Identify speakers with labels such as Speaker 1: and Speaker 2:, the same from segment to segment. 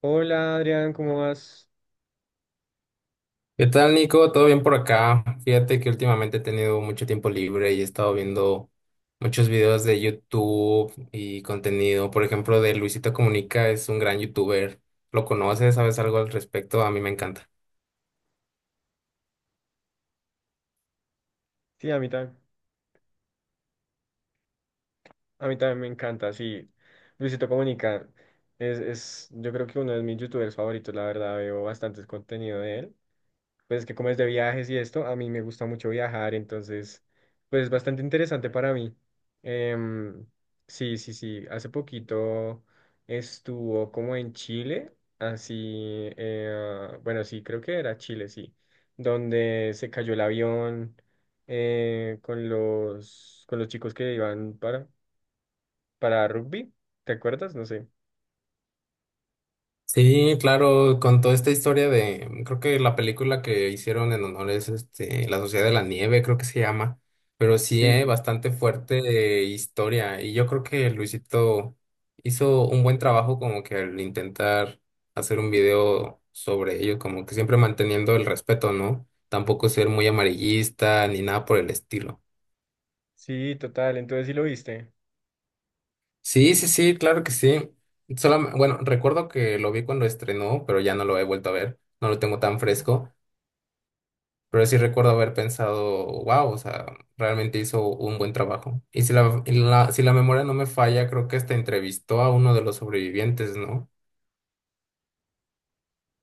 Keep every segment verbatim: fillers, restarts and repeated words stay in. Speaker 1: Hola Adrián, ¿cómo vas?
Speaker 2: ¿Qué tal, Nico? ¿Todo bien por acá? Fíjate que últimamente he tenido mucho tiempo libre y he estado viendo muchos videos de YouTube y contenido. Por ejemplo, de Luisito Comunica, es un gran youtuber. ¿Lo conoces? ¿Sabes algo al respecto? A mí me encanta.
Speaker 1: Sí, a mí, tam- a mí también me encanta, sí. Luisito Comunica es, es, yo creo que uno de mis youtubers favoritos, la verdad, veo bastantes contenido de él. Pues que como es de viajes y esto, a mí me gusta mucho viajar, entonces, pues es bastante interesante para mí. Em, sí, sí, sí, hace poquito estuvo como en Chile, así, eh, bueno, sí, creo que era Chile, sí, donde se cayó el avión eh, con los, con los chicos que iban para, para rugby, ¿te acuerdas? No sé.
Speaker 2: Sí, claro, con toda esta historia de, creo que la película que hicieron en honor es este, La Sociedad de la Nieve, creo que se llama, pero sí, eh,
Speaker 1: Sí,
Speaker 2: bastante fuerte eh, historia, y yo creo que Luisito hizo un buen trabajo, como que al intentar hacer un video sobre ello, como que siempre manteniendo el respeto, ¿no? Tampoco ser muy amarillista ni nada por el estilo.
Speaker 1: sí, total, entonces sí lo viste.
Speaker 2: Sí, sí, sí, claro que sí. Solam- bueno, recuerdo que lo vi cuando estrenó, pero ya no lo he vuelto a ver, no lo tengo tan fresco. Pero sí recuerdo haber pensado, wow. O sea, realmente hizo un buen trabajo. Y si la, y la- si la memoria no me falla, creo que hasta entrevistó a uno de los sobrevivientes, ¿no?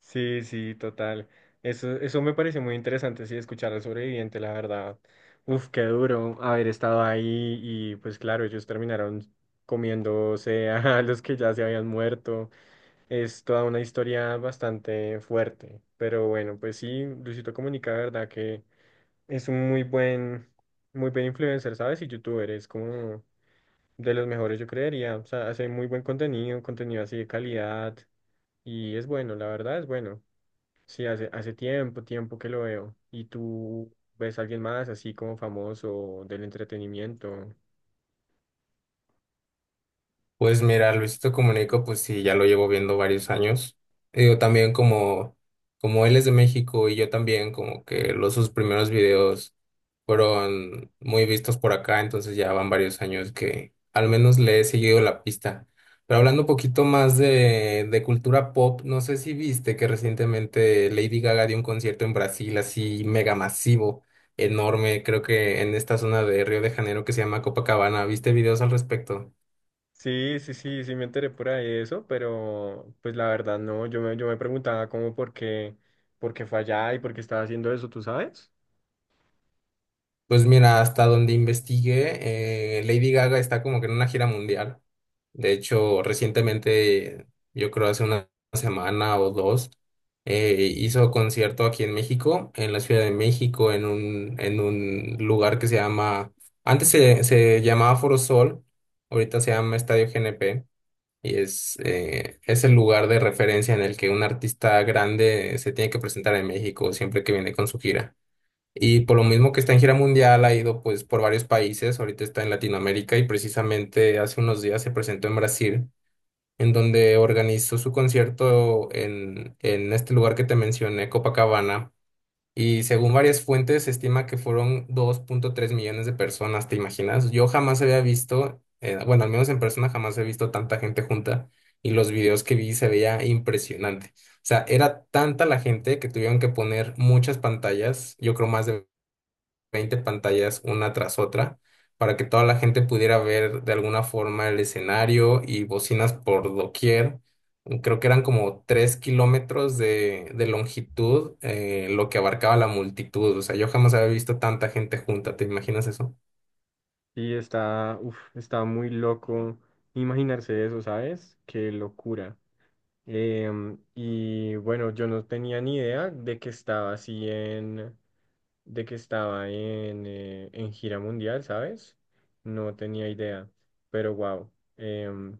Speaker 1: Sí, sí, total. Eso, eso me pareció muy interesante, sí, escuchar al sobreviviente, la verdad. Uf, qué duro haber estado ahí y pues claro, ellos terminaron comiéndose a los que ya se habían muerto. Es toda una historia bastante fuerte, pero bueno, pues sí, Luisito Comunica, la verdad que es un muy buen, muy buen influencer, ¿sabes? Y youtuber, es como de los mejores, yo creería. O sea, hace muy buen contenido, contenido así de calidad y es bueno, la verdad es bueno. Sí, hace, hace tiempo, tiempo que lo veo. ¿Y tú ves a alguien más así como famoso del entretenimiento?
Speaker 2: Pues mira, Luisito Comunico, pues sí, ya lo llevo viendo varios años. Digo, también como, como él es de México, y yo también, como que los sus primeros videos fueron muy vistos por acá, entonces ya van varios años que al menos le he seguido la pista. Pero hablando un poquito más de, de cultura pop, no sé si viste que recientemente Lady Gaga dio un concierto en Brasil así mega masivo, enorme, creo que en esta zona de Río de Janeiro que se llama Copacabana. ¿Viste videos al respecto?
Speaker 1: Sí, sí, sí, sí me enteré por ahí de eso, pero pues la verdad no, yo me, yo me preguntaba como por qué, por qué fue allá y por qué estaba haciendo eso, ¿tú sabes?
Speaker 2: Pues mira, hasta donde investigué, eh, Lady Gaga está como que en una gira mundial. De hecho, recientemente, yo creo hace una semana o dos, eh, hizo concierto aquí en México, en la Ciudad de México, en un, en un lugar que se llama, antes se, se llamaba Foro Sol, ahorita se llama Estadio G N P, y es, eh, es el lugar de referencia en el que un artista grande se tiene que presentar en México siempre que viene con su gira. Y por lo mismo que está en gira mundial, ha ido pues por varios países. Ahorita está en Latinoamérica, y precisamente hace unos días se presentó en Brasil, en donde organizó su concierto en, en este lugar que te mencioné, Copacabana. Y según varias fuentes, se estima que fueron dos punto tres millones de personas. ¿Te imaginas? Yo jamás había visto, eh, bueno, al menos en persona jamás he visto tanta gente junta, y los videos que vi se veía impresionante. O sea, era tanta la gente que tuvieron que poner muchas pantallas, yo creo más de veinte pantallas una tras otra, para que toda la gente pudiera ver de alguna forma el escenario, y bocinas por doquier. Creo que eran como tres kilómetros de, de longitud, eh, lo que abarcaba la multitud. O sea, yo jamás había visto tanta gente junta. ¿Te imaginas eso?
Speaker 1: Y está, uf, está muy loco imaginarse eso, ¿sabes? Qué locura. Em, y bueno, yo no tenía ni idea de que estaba así en... de que estaba en, eh, en gira mundial, ¿sabes? No tenía idea, pero wow,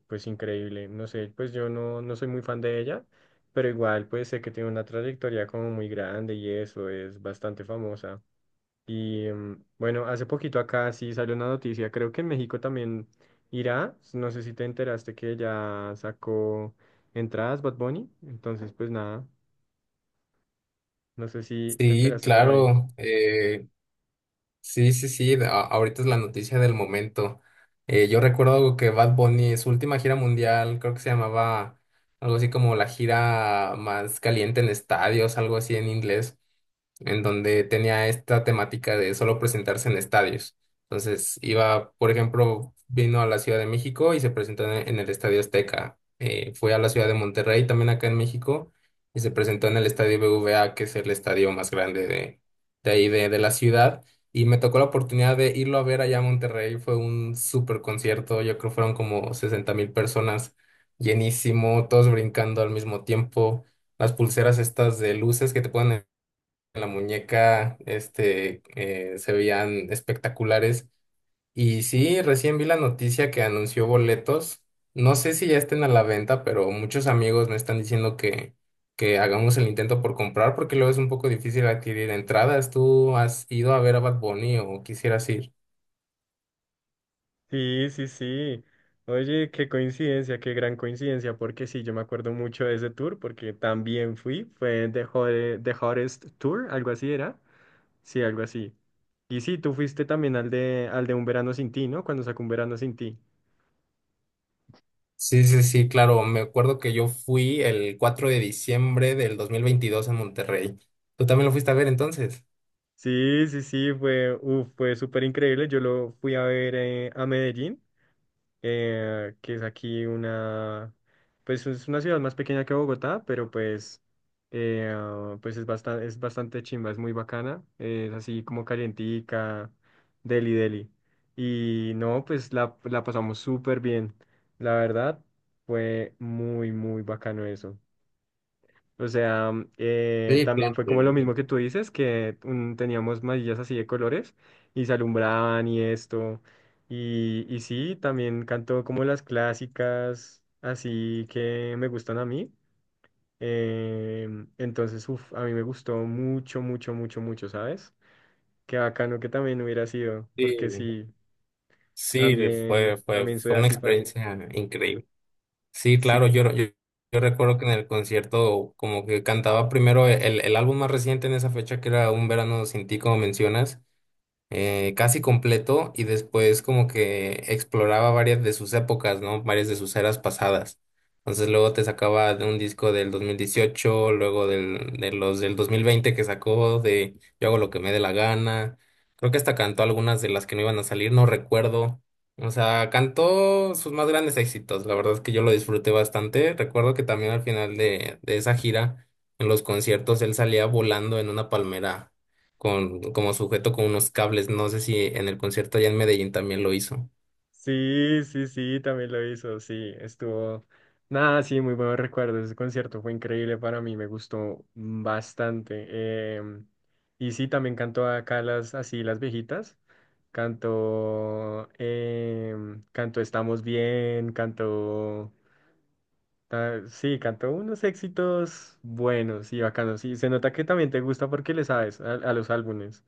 Speaker 1: pues increíble. No sé, pues yo no, no soy muy fan de ella, pero igual pues sé que tiene una trayectoria como muy grande y eso es bastante famosa. Y em, bueno, hace poquito acá sí salió una noticia, creo que en México también irá, no sé si te enteraste que ya sacó entradas Bad Bunny, entonces pues nada, no sé si te
Speaker 2: Sí,
Speaker 1: enteraste por ahí.
Speaker 2: claro. Eh, Sí, sí, sí, de- a- ahorita es la noticia del momento. Eh, yo recuerdo que Bad Bunny, su última gira mundial, creo que se llamaba algo así como la gira más caliente en estadios, algo así en inglés, en donde tenía esta temática de solo presentarse en estadios. Entonces iba, por ejemplo, vino a la Ciudad de México y se presentó en en el Estadio Azteca. Eh, fue a la Ciudad de Monterrey, también acá en México, y se presentó en el Estadio B B V A, que es el estadio más grande de, de ahí, de, de la ciudad. Y me tocó la oportunidad de irlo a ver allá a Monterrey. Fue un súper concierto. Yo creo que fueron como sesenta mil personas, llenísimo, todos brincando al mismo tiempo. Las pulseras estas de luces que te ponen en la muñeca, este, eh, se veían espectaculares. Y sí, recién vi la noticia que anunció boletos. No sé si ya estén a la venta, pero muchos amigos me están diciendo que, que hagamos el intento por comprar porque luego es un poco difícil adquirir entradas. ¿Tú has ido a ver a Bad Bunny o quisieras ir?
Speaker 1: Sí, sí, sí. Oye, qué coincidencia, qué gran coincidencia, porque sí, yo me acuerdo mucho de ese tour, porque también fui, fue The Hot- The Hottest Tour, algo así era. Sí, algo así. Y sí, tú fuiste también al de, al de Un Verano Sin Ti, ¿no? Cuando sacó Un Verano Sin Ti.
Speaker 2: Sí, sí, sí, claro. Me acuerdo que yo fui el cuatro de diciembre del dos mil veintidós en Monterrey. ¿Tú también lo fuiste a ver entonces?
Speaker 1: Sí, sí, sí, fue, uf, fue súper increíble. Yo lo fui a ver eh, a Medellín, eh, que es aquí una, pues es una ciudad más pequeña que Bogotá, pero pues, eh, ah, pues es bastante, es bastante chimba, es muy bacana, eh, es así como calientica, deli deli. Y no, pues la, la pasamos súper bien, la verdad, fue muy, muy bacano eso. O sea, mm, eh,
Speaker 2: Sí,
Speaker 1: también
Speaker 2: claro.
Speaker 1: fue como lo mismo
Speaker 2: Sí.
Speaker 1: que tú dices, que mm, teníamos mallas así de colores y se alumbraban y esto. Y, y sí, también cantó como las clásicas, así que me gustan a mí. Em, entonces, uf, a mí me gustó mucho, mucho, mucho, mucho, ¿sabes? Qué bacano que también hubiera sido, porque
Speaker 2: Sí.
Speaker 1: sí,
Speaker 2: Sí, fue,
Speaker 1: también,
Speaker 2: fue,
Speaker 1: también soy
Speaker 2: fue una
Speaker 1: así fan.
Speaker 2: experiencia increíble. Sí,
Speaker 1: Sí.
Speaker 2: claro, yo, yo, yo recuerdo que en el concierto como que cantaba primero el, el álbum más reciente en esa fecha que era Un Verano Sin Ti, como mencionas, eh, casi completo, y después como que exploraba varias de sus épocas, ¿no? Varias de sus eras pasadas. Entonces luego te sacaba de un disco del dos mil dieciocho, luego del, de los del dos mil veinte que sacó de Yo hago lo que me dé la gana. Creo que hasta cantó algunas de las que no iban a salir, no recuerdo. O sea, cantó sus más grandes éxitos. La verdad es que yo lo disfruté bastante. Recuerdo que también al final de, de esa gira, en los conciertos, él salía volando en una palmera con, como sujeto con unos cables. No sé si en el concierto allá en Medellín también lo hizo.
Speaker 1: Sí, sí, sí, también lo hizo, sí, estuvo, nada, sí, muy buenos recuerdos, ese concierto fue increíble para mí, me gustó bastante. Em, y sí, también cantó acá las, así, las viejitas, cantó, em, cantó Estamos Bien, cantó, ta- sí, cantó unos éxitos buenos y bacanos. Sí, se nota que también te gusta porque le sabes a, a los álbumes.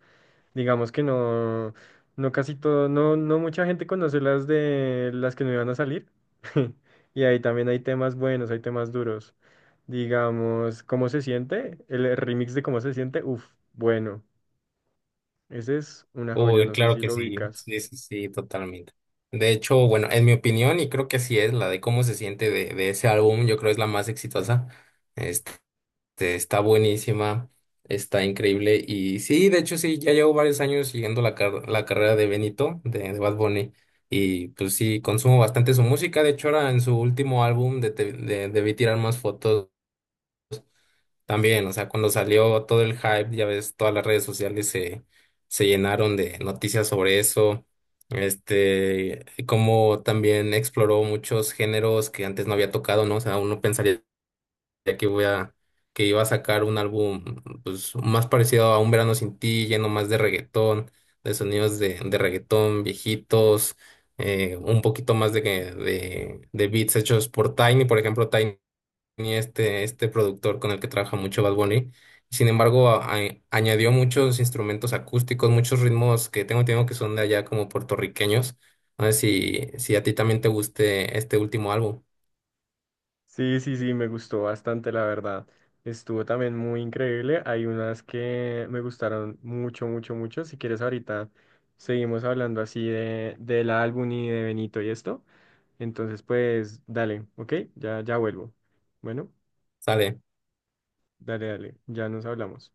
Speaker 1: Digamos que no, no casi todo, no, no mucha gente conoce las de las que no iban a salir. Y ahí también hay temas buenos, hay temas duros. Digamos, ¿cómo se siente? El remix de cómo se siente, uff, bueno, ese es una joya,
Speaker 2: Uy,
Speaker 1: no sé
Speaker 2: claro
Speaker 1: si
Speaker 2: que
Speaker 1: lo
Speaker 2: sí,
Speaker 1: ubicas.
Speaker 2: sí, sí, sí, totalmente. De hecho, bueno, en mi opinión, y creo que sí es la de cómo se siente de, de ese álbum, yo creo es la más exitosa. Este, está buenísima, está increíble. Y sí, de hecho, sí, ya llevo varios años siguiendo la, car- la carrera de Benito, de, de Bad Bunny. Y pues sí, consumo bastante su música. De hecho, ahora en su último álbum de, Te- de Debí tirar más fotos. También, o sea, cuando salió todo el hype, ya ves, todas las redes sociales se, se llenaron de noticias sobre eso. Este, como también exploró muchos géneros que antes no había tocado, ¿no? O sea, uno pensaría que voy a, que iba a sacar un álbum, pues, más parecido a Un Verano Sin Ti, lleno más de reggaetón, de sonidos de, de reggaetón viejitos, eh, un poquito más de, que- de, de beats hechos por Tiny. Por ejemplo, Tiny tenía este, este productor con el que trabaja mucho Bad Bunny. Sin embargo, a- a- añadió muchos instrumentos acústicos, muchos ritmos que tengo entendido que son de allá como puertorriqueños. No sé si, si a ti también te guste este último álbum.
Speaker 1: Sí, sí, sí, me gustó bastante, la verdad. Estuvo también muy increíble. Hay unas que me gustaron mucho, mucho, mucho. Si quieres, ahorita seguimos hablando así de, del álbum y de Benito y esto. Entonces, pues, dale, ¿ok? Ya, ya vuelvo. Bueno,
Speaker 2: Sale.
Speaker 1: dale, dale, ya nos hablamos.